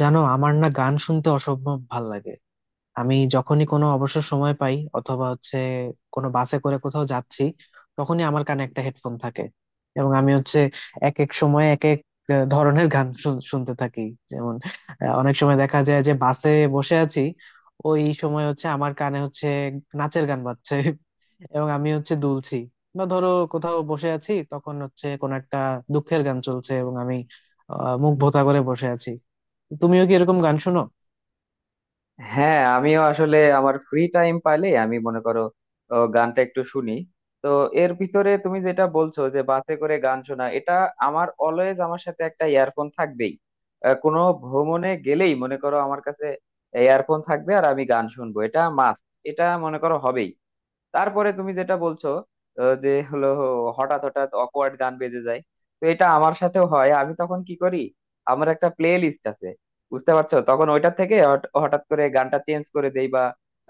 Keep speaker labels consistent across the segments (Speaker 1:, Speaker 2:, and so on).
Speaker 1: জানো, আমার না গান শুনতে অসম্ভব ভাল লাগে। আমি যখনই কোনো অবসর সময় পাই অথবা হচ্ছে কোনো বাসে করে কোথাও যাচ্ছি, তখনই আমার কানে একটা হেডফোন থাকে। এবং আমি হচ্ছে এক এক সময় এক এক ধরনের গান শুনতে থাকি। যেমন অনেক সময় দেখা যায় যে বাসে বসে আছি, ওই সময় হচ্ছে আমার কানে হচ্ছে নাচের গান বাজছে এবং আমি হচ্ছে দুলছি। বা ধরো কোথাও বসে আছি, তখন হচ্ছে কোন একটা দুঃখের গান চলছে এবং আমি মুখ ভোতা করে বসে আছি। তুমিও কি এরকম গান শোনো?
Speaker 2: হ্যাঁ, আমিও আসলে আমার ফ্রি টাইম পাইলে আমি মনে করো, ও, গানটা একটু শুনি। তো এর ভিতরে তুমি যেটা বলছো যে বাসে করে গান শোনা, এটা আমার অলওয়েজ আমার সাথে একটা ইয়ারফোন থাকবেই। কোনো ভ্রমণে গেলেই মনে করো আমার কাছে ইয়ারফোন থাকবে আর আমি গান শুনবো, এটা মাস্ট, এটা মনে করো হবেই। তারপরে তুমি যেটা বলছো যে হলো হঠাৎ হঠাৎ অকওয়ার্ড গান বেজে যায়। তো এটা আমার সাথেও হয়, আমি তখন কি করি, আমার একটা প্লে লিস্ট আছে, বুঝতে পারছো? তখন ওইটা থেকে হঠাৎ করে গানটা চেঞ্জ করে দেই, বা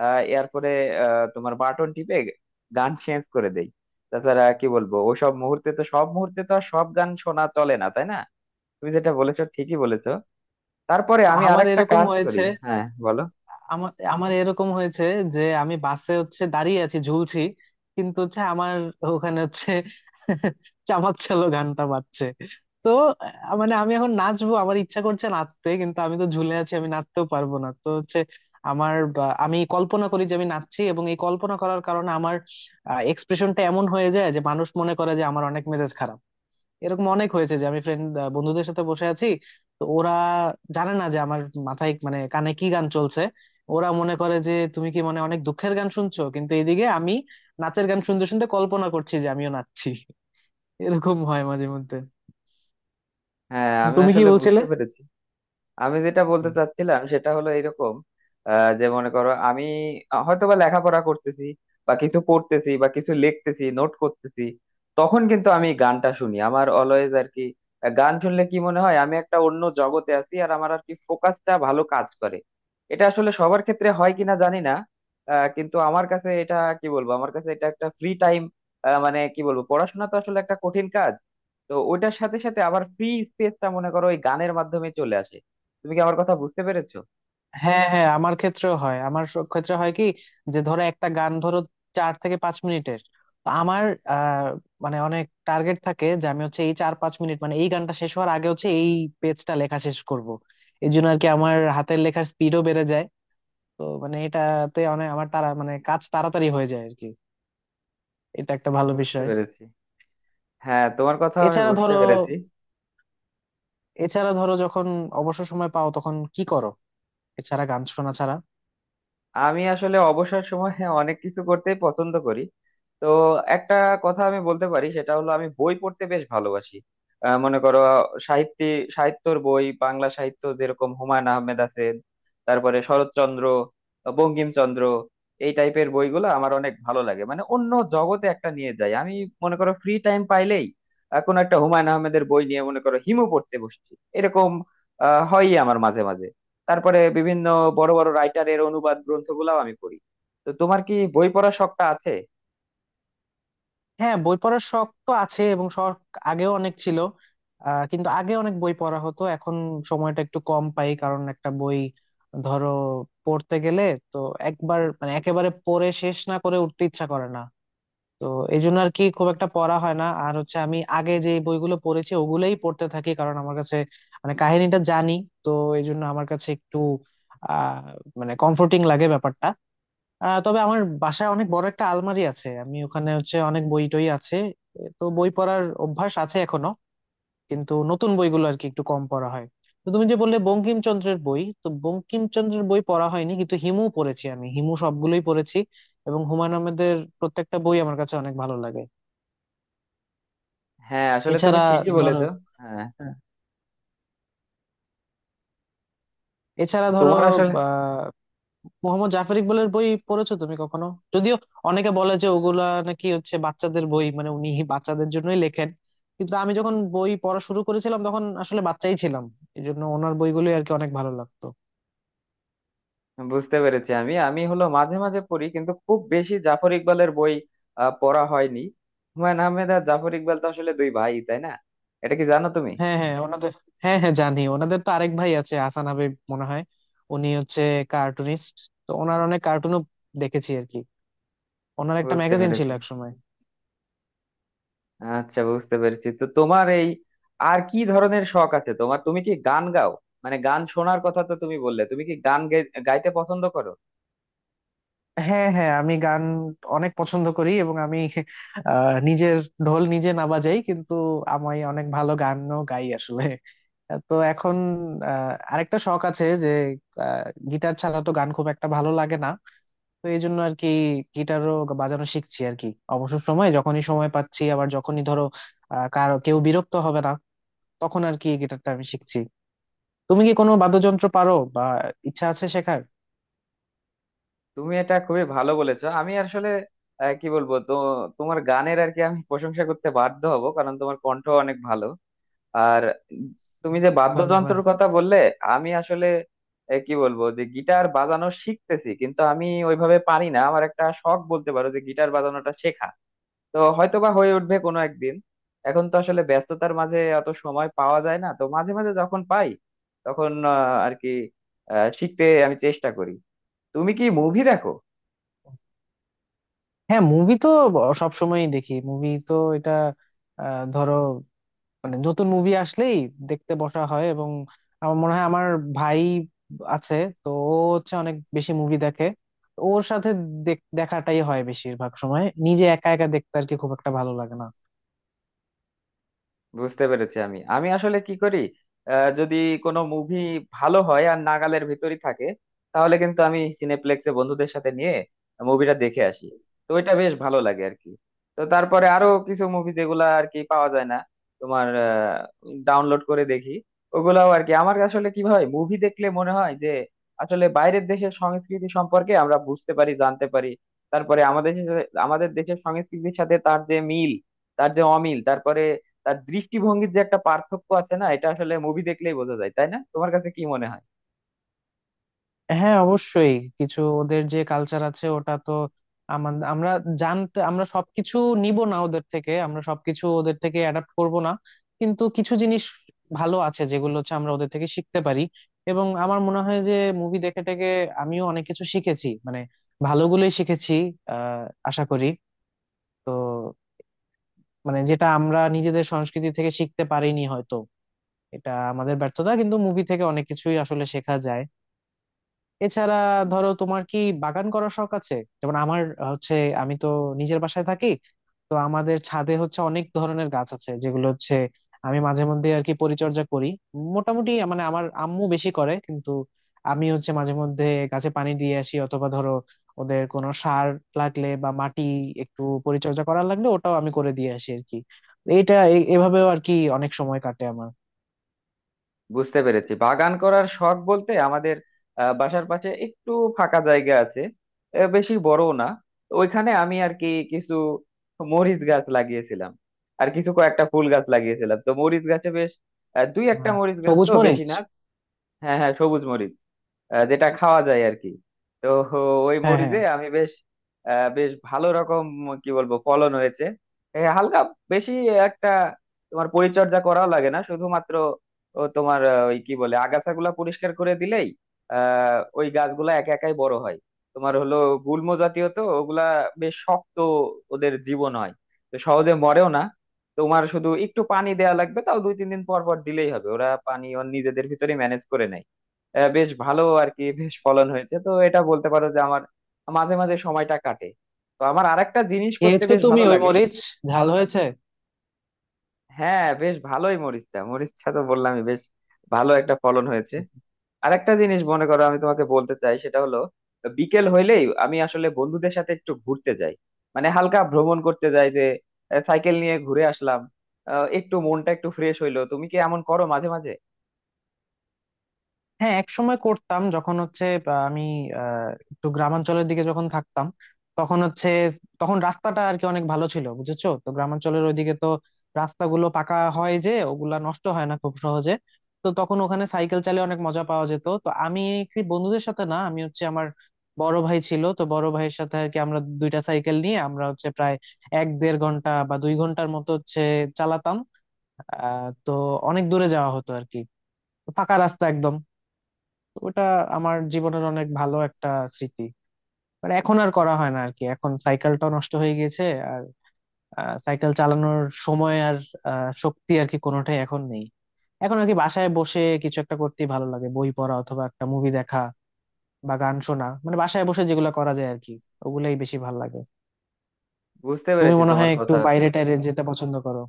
Speaker 2: এরপরে তোমার বাটন টিপে গান চেঞ্জ করে দেই। তাছাড়া কি বলবো, ওসব মুহূর্তে তো, সব মুহূর্তে তো আর সব গান শোনা চলে না, তাই না? তুমি যেটা বলেছো ঠিকই বলেছো। তারপরে আমি
Speaker 1: আমার
Speaker 2: আরেকটা
Speaker 1: এরকম
Speaker 2: কাজ
Speaker 1: হয়েছে।
Speaker 2: করি। হ্যাঁ, বলো।
Speaker 1: আমার আমার এরকম হয়েছে যে আমি বাসে হচ্ছে দাঁড়িয়ে আছি, ঝুলছি, কিন্তু হচ্ছে আমার ওখানে হচ্ছে চামাক চালো গানটা বাজছে। তো মানে আমি এখন নাচবো, আমার ইচ্ছা করছে নাচতে, কিন্তু আমি তো ঝুলে আছি, আমি নাচতেও পারবো না। তো হচ্ছে আমার আমি কল্পনা করি যে আমি নাচছি, এবং এই কল্পনা করার কারণে আমার এক্সপ্রেশনটা এমন হয়ে যায় যে মানুষ মনে করে যে আমার অনেক মেজাজ খারাপ। এরকম অনেক হয়েছে যে আমি ফ্রেন্ড, বন্ধুদের সাথে বসে আছি, তো ওরা জানে না যে আমার মাথায় মানে কানে কি গান চলছে। ওরা মনে করে যে তুমি কি মানে অনেক দুঃখের গান শুনছো, কিন্তু এদিকে আমি নাচের গান শুনতে শুনতে কল্পনা করছি যে আমিও নাচছি। এরকম হয় মাঝে মধ্যে।
Speaker 2: হ্যাঁ, আমি
Speaker 1: তুমি কি
Speaker 2: আসলে
Speaker 1: বলছিলে?
Speaker 2: বুঝতে পেরেছি। আমি যেটা বলতে চাচ্ছিলাম সেটা হলো এরকম, যে মনে করো আমি হয়তো বা লেখাপড়া করতেছি, বা কিছু পড়তেছি, বা কিছু লিখতেছি, নোট করতেছি, তখন কিন্তু আমি গানটা শুনি আমার অলওয়েজ আর কি। গান শুনলে কি মনে হয়, আমি একটা অন্য জগতে আছি আর আমার আর কি ফোকাসটা ভালো কাজ করে। এটা আসলে সবার ক্ষেত্রে হয় কিনা জানি না। কিন্তু আমার কাছে এটা, কি বলবো, আমার কাছে এটা একটা ফ্রি টাইম। মানে কি বলবো, পড়াশোনা তো আসলে একটা কঠিন কাজ। তো ওইটার সাথে সাথে আবার ফ্রি স্পেসটা মনে করো ওই গানের মাধ্যমে চলে আসে। তুমি কি আমার কথা বুঝতে পেরেছো?
Speaker 1: হ্যাঁ হ্যাঁ, আমার ক্ষেত্রেও হয়। আমার ক্ষেত্রে হয় কি, যে ধরো একটা গান ধরো 4 থেকে 5 মিনিটের, তো আমার আহ, মানে অনেক টার্গেট থাকে যে আমি হচ্ছে এই 4 5 মিনিট মানে এই গানটা শেষ হওয়ার আগে হচ্ছে এই পেজটা লেখা শেষ করব। এই জন্য আর কি আমার হাতের লেখার স্পিডও বেড়ে যায়। তো মানে এটাতে অনেক আমার তারা মানে কাজ তাড়াতাড়ি হয়ে যায় আর কি। এটা একটা ভালো
Speaker 2: বুঝতে
Speaker 1: বিষয়।
Speaker 2: পেরেছি। হ্যাঁ, তোমার কথা আমি
Speaker 1: এছাড়া
Speaker 2: বুঝতে
Speaker 1: ধরো,
Speaker 2: পেরেছি।
Speaker 1: যখন অবসর সময় পাও তখন কি করো, এছাড়া গান শোনা ছাড়া?
Speaker 2: আমি আসলে অবসর সময়ে অনেক কিছু করতেই পছন্দ করি। তো একটা কথা আমি বলতে পারি সেটা হলো, আমি বই পড়তে বেশ ভালোবাসি। মনে করো সাহিত্য, সাহিত্যর বই, বাংলা সাহিত্য যেরকম হুমায়ুন আহমেদ আছেন, তারপরে শরৎচন্দ্র, বঙ্কিমচন্দ্র, এই টাইপের বইগুলো আমার অনেক ভালো লাগে, মানে অন্য জগতে একটা নিয়ে যায় আমি। মনে করো ফ্রি টাইম পাইলেই কোনো একটা হুমায়ুন আহমেদের বই নিয়ে মনে করো হিমু পড়তে বসছি, এরকম হয়ই আমার মাঝে মাঝে। তারপরে বিভিন্ন বড় বড় রাইটারের অনুবাদ গ্রন্থগুলাও আমি পড়ি। তো তোমার কি বই পড়ার শখটা আছে?
Speaker 1: হ্যাঁ, বই পড়ার শখ তো আছে, এবং শখ আগেও অনেক ছিল। কিন্তু আগে অনেক বই পড়া হতো, এখন সময়টা একটু কম পাই, কারণ একটা বই ধরো পড়তে গেলে তো একবার মানে একেবারে পড়ে শেষ না করে উঠতে ইচ্ছা করে না। তো এই জন্য আর কি খুব একটা পড়া হয় না। আর হচ্ছে আমি আগে যে বইগুলো পড়েছি ওগুলোই পড়তে থাকি, কারণ আমার কাছে মানে কাহিনীটা জানি। তো এই জন্য আমার কাছে একটু আহ মানে কমফোর্টিং লাগে ব্যাপারটা। তবে আমার বাসায় অনেক বড় একটা আলমারি আছে, আমি ওখানে হচ্ছে অনেক বই টই আছে। তো বই পড়ার অভ্যাস আছে এখনো, কিন্তু নতুন বইগুলো আর কি একটু কম পড়া হয়। তো তুমি যে বললে বঙ্কিমচন্দ্রের বই, তো বঙ্কিমচন্দ্রের বই পড়া হয়নি, কিন্তু হিমু পড়েছি, আমি হিমু সবগুলোই পড়েছি। এবং হুমায়ুন আহমেদের প্রত্যেকটা বই আমার কাছে অনেক ভালো লাগে।
Speaker 2: হ্যাঁ, আসলে তুমি
Speaker 1: এছাড়া
Speaker 2: ঠিকই
Speaker 1: ধরো,
Speaker 2: বলেছো। হ্যাঁ।
Speaker 1: হ্যাঁ, এছাড়া
Speaker 2: তো
Speaker 1: ধরো
Speaker 2: তোমার আসলে
Speaker 1: আহ মোহাম্মদ জাফর ইকবালের বই পড়েছো তুমি কখনো? যদিও অনেকে বলে যে ওগুলা নাকি হচ্ছে বাচ্চাদের বই, মানে উনি বাচ্চাদের জন্যই লেখেন, কিন্তু আমি যখন বই পড়া শুরু করেছিলাম তখন আসলে বাচ্চাই ছিলাম। এই জন্য ওনার বইগুলো আর কি অনেক ভালো লাগতো।
Speaker 2: বুঝতে পেরেছি। আমি আমি হলো মাঝে মাঝে পড়ি কিন্তু খুব বেশি জাফর ইকবালের বই পড়া হয়নি। হুমায়ুন আহমেদ আর জাফর ইকবাল তো আসলে দুই ভাই, তাই না? এটা কি জানো তুমি?
Speaker 1: হ্যাঁ হ্যাঁ, ওনাদের, হ্যাঁ হ্যাঁ জানি, ওনাদের তো আরেক ভাই আছে, হাসান হাবিব মনে হয়। উনি হচ্ছে কার্টুনিস্ট, তো ওনার অনেক কার্টুনও দেখেছি আর কি। ওনার একটা
Speaker 2: বুঝতে
Speaker 1: ম্যাগাজিন ছিল
Speaker 2: পেরেছি।
Speaker 1: একসময়।
Speaker 2: আচ্ছা, বুঝতে পেরেছি। তো তোমার এই আর কি ধরনের শখ আছে, তোমার তুমি কি গান গাও? মানে গান শোনার কথা তো তুমি বললে, তুমি কি গান গাইতে পছন্দ করো?
Speaker 1: হ্যাঁ হ্যাঁ, আমি গান অনেক পছন্দ করি, এবং আমি নিজের ঢোল নিজে না বাজাই, কিন্তু আমি অনেক ভালো গানও গাই আসলে। তো এখন আরেকটা শখ আছে যে গিটার ছাড়া তো গান খুব একটা ভালো লাগে না, তো এই জন্য আর কি গিটারও বাজানো শিখছি আর কি। অবসর সময় যখনই সময় পাচ্ছি, আবার যখনই ধরো কারো কেউ বিরক্ত হবে না, তখন আর কি গিটারটা আমি শিখছি। তুমি কি কোনো বাদ্যযন্ত্র পারো, বা ইচ্ছা আছে শেখার?
Speaker 2: তুমি এটা খুবই ভালো বলেছো। আমি আসলে কি বলবো, তো তোমার গানের আর কি আমি প্রশংসা করতে বাধ্য হব, কারণ তোমার কণ্ঠ অনেক ভালো। আর তুমি যে
Speaker 1: ধন্যবাদ।
Speaker 2: বাদ্যযন্ত্রের কথা বললে, আমি আসলে কি বলবো, যে গিটার বাজানো শিখতেছি কিন্তু আমি ওইভাবে পারি না, আমার একটা শখ বলতে পারো যে গিটার বাজানোটা শেখা। তো হয়তো বা হয়ে উঠবে কোনো একদিন। এখন তো আসলে ব্যস্ততার মাঝে অত সময় পাওয়া যায় না, তো মাঝে মাঝে যখন পাই তখন আর কি শিখতে আমি চেষ্টা করি। তুমি কি মুভি দেখো?
Speaker 1: হ্যাঁ, মুভি তো সবসময়ই দেখি। মুভি তো এটা ধরো মানে নতুন মুভি আসলেই দেখতে বসা হয়। এবং আমার মনে হয় আমার ভাই আছে, তো ও হচ্ছে অনেক বেশি মুভি দেখে, ওর সাথে দেখাটাই হয় বেশিরভাগ সময়। নিজে একা একা দেখতে আর কি খুব একটা ভালো লাগে না।
Speaker 2: বুঝতে পেরেছি। আমি আমি আসলে কি করি, যদি কোনো মুভি ভালো হয় আর নাগালের ভিতরই থাকে, তাহলে কিন্তু আমি সিনেপ্লেক্সে বন্ধুদের সাথে নিয়ে মুভিটা দেখে আসি। তো এটা বেশ ভালো লাগে আর কি। তো তারপরে আরো কিছু মুভি যেগুলা আর কি পাওয়া যায় না তোমার, ডাউনলোড করে দেখি। ওগুলাও আর কি, আমার আসলে কি হয়, মুভি দেখলে মনে হয় যে আসলে বাইরের দেশের সংস্কৃতি সম্পর্কে আমরা বুঝতে পারি, জানতে পারি। তারপরে আমাদের আমাদের দেশের সংস্কৃতির সাথে তার যে মিল, তার যে অমিল, তারপরে তার দৃষ্টিভঙ্গির যে একটা পার্থক্য আছে না, এটা আসলে মুভি দেখলেই বোঝা যায়, তাই না? তোমার কাছে কি মনে হয়?
Speaker 1: হ্যাঁ অবশ্যই, কিছু ওদের যে কালচার আছে ওটা তো আমাদের, আমরা জানতে, আমরা সবকিছু নিব না ওদের থেকে, আমরা সবকিছু ওদের থেকে অ্যাডাপ্ট করব না, কিন্তু কিছু জিনিস ভালো আছে যেগুলো হচ্ছে আমরা ওদের থেকে শিখতে পারি। এবং আমার মনে হয় যে মুভি দেখে টেকে আমিও অনেক কিছু শিখেছি, মানে ভালোগুলোই শিখেছি আহ আশা করি। তো মানে যেটা আমরা নিজেদের সংস্কৃতি থেকে শিখতে পারিনি হয়তো, এটা আমাদের ব্যর্থতা, কিন্তু মুভি থেকে অনেক কিছুই আসলে শেখা যায়। এছাড়া ধরো, তোমার কি বাগান করার শখ আছে? যেমন আমার হচ্ছে আমি তো নিজের বাসায় থাকি, তো আমাদের ছাদে হচ্ছে অনেক ধরনের গাছ আছে যেগুলো হচ্ছে আমি মাঝে মধ্যে আর কি পরিচর্যা করি। মোটামুটি মানে আমার আম্মু বেশি করে, কিন্তু আমি হচ্ছে মাঝে মধ্যে গাছে পানি দিয়ে আসি, অথবা ধরো ওদের কোনো সার লাগলে বা মাটি একটু পরিচর্যা করার লাগলে ওটাও আমি করে দিয়ে আসি আর কি। এটা এভাবেও আর কি অনেক সময় কাটে আমার।
Speaker 2: বুঝতে পেরেছি। বাগান করার শখ বলতে, আমাদের বাসার পাশে একটু ফাঁকা জায়গা আছে, বেশি বড়ও না। তো ওইখানে আমি আর কি কিছু মরিচ গাছ লাগিয়েছিলাম, আর কিছু কয়েকটা ফুল গাছ লাগিয়েছিলাম। তো মরিচ গাছে বেশ দুই একটা
Speaker 1: হ্যাঁ।
Speaker 2: মরিচ গাছ,
Speaker 1: সবুজ
Speaker 2: তো বেশি
Speaker 1: মরিচ।
Speaker 2: না। হ্যাঁ, হ্যাঁ, সবুজ মরিচ। যেটা খাওয়া যায় আর কি। তো ওই
Speaker 1: হ্যাঁ হ্যাঁ।
Speaker 2: মরিচে আমি বেশ বেশ ভালো রকম, কি বলবো, ফলন হয়েছে। হালকা বেশি একটা তোমার পরিচর্যা করাও লাগে না, শুধুমাত্র ও তোমার ওই কি বলে, আগাছাগুলা পরিষ্কার করে দিলেই ওই গাছগুলা একা একাই বড় হয়। তোমার হলো গুল্ম জাতীয়, তো ওগুলা বেশ শক্ত, ওদের জীবন হয়, তো সহজে মরেও না। তোমার শুধু একটু পানি দেওয়া লাগবে, তাও দুই তিন দিন পর পর দিলেই হবে, ওরা পানি ওর নিজেদের ভিতরে ম্যানেজ করে নেয়। বেশ ভালো আর কি, বেশ ফলন হয়েছে। তো এটা বলতে পারো যে আমার মাঝে মাঝে সময়টা কাটে। তো আমার আরেকটা জিনিস করতে
Speaker 1: খেয়েছো
Speaker 2: বেশ
Speaker 1: তুমি
Speaker 2: ভালো
Speaker 1: ওই
Speaker 2: লাগে।
Speaker 1: মরিচ, ঝাল হয়েছে?
Speaker 2: হ্যাঁ, বেশ ভালোই মরিচটা মরিচটা তো বললামই, বেশ ভালো একটা ফলন হয়েছে। আরেকটা জিনিস মনে করো আমি তোমাকে বলতে চাই, সেটা হলো বিকেল হইলেই আমি আসলে বন্ধুদের সাথে একটু ঘুরতে যাই, মানে হালকা ভ্রমণ করতে যাই যে সাইকেল নিয়ে ঘুরে আসলাম, একটু মনটা একটু ফ্রেশ হইলো। তুমি কি এমন করো মাঝে মাঝে?
Speaker 1: হ্যাঁ, এক সময় করতাম, যখন হচ্ছে আমি আহ, একটু গ্রামাঞ্চলের দিকে যখন থাকতাম, তখন হচ্ছে, তখন রাস্তাটা আর কি অনেক ভালো ছিল, বুঝেছো তো গ্রামাঞ্চলের ওইদিকে তো রাস্তাগুলো পাকা হয় যে ওগুলা নষ্ট হয় না খুব সহজে। তো তখন ওখানে সাইকেল চালিয়ে অনেক মজা পাওয়া যেত। তো আমি কি বন্ধুদের সাথে না, আমি হচ্ছে আমার বড় ভাই ছিল, তো বড় ভাইয়ের সাথে আর কি আমরা দুইটা সাইকেল নিয়ে আমরা হচ্ছে প্রায় এক দেড় ঘন্টা বা 2 ঘন্টার মতো হচ্ছে চালাতাম। তো অনেক দূরে যাওয়া হতো আর কি, ফাঁকা রাস্তা একদম। তো ওটা আমার জীবনের অনেক ভালো একটা স্মৃতি। বাট এখন আর করা হয় না আর কি, এখন সাইকেলটা নষ্ট হয়ে গিয়েছে, আর সাইকেল চালানোর সময় আর শক্তি আর কি কোনোটাই এখন নেই। এখন আর কি বাসায় বসে কিছু একটা করতেই ভালো লাগে, বই পড়া অথবা একটা মুভি দেখা বা গান শোনা, মানে বাসায় বসে যেগুলো করা যায় আর কি, ওগুলাই বেশি ভালো লাগে।
Speaker 2: বুঝতে
Speaker 1: তুমি
Speaker 2: পেরেছি
Speaker 1: মনে
Speaker 2: তোমার
Speaker 1: হয় একটু
Speaker 2: কথা।
Speaker 1: বাইরে টাইরে যেতে পছন্দ করো।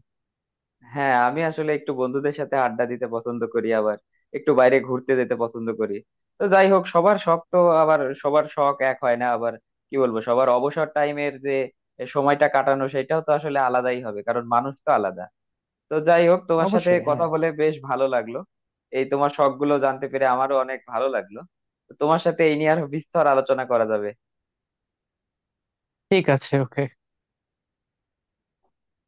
Speaker 2: হ্যাঁ, আমি আসলে একটু বন্ধুদের সাথে আড্ডা দিতে পছন্দ করি, আবার একটু বাইরে ঘুরতে যেতে পছন্দ করি। তো যাই হোক, সবার শখ তো, আবার সবার শখ এক হয় না, আবার কি বলবো, সবার অবসর টাইমের যে সময়টা কাটানো, সেটাও তো আসলে আলাদাই হবে, কারণ মানুষ তো আলাদা। তো যাই হোক, তোমার সাথে
Speaker 1: অবশ্যই, হ্যাঁ।
Speaker 2: কথা বলে বেশ ভালো লাগলো। এই তোমার শখ গুলো জানতে পেরে আমারও অনেক ভালো লাগলো। তো তোমার সাথে এই নিয়ে আরো বিস্তর আলোচনা করা যাবে।
Speaker 1: ঠিক আছে, ওকে।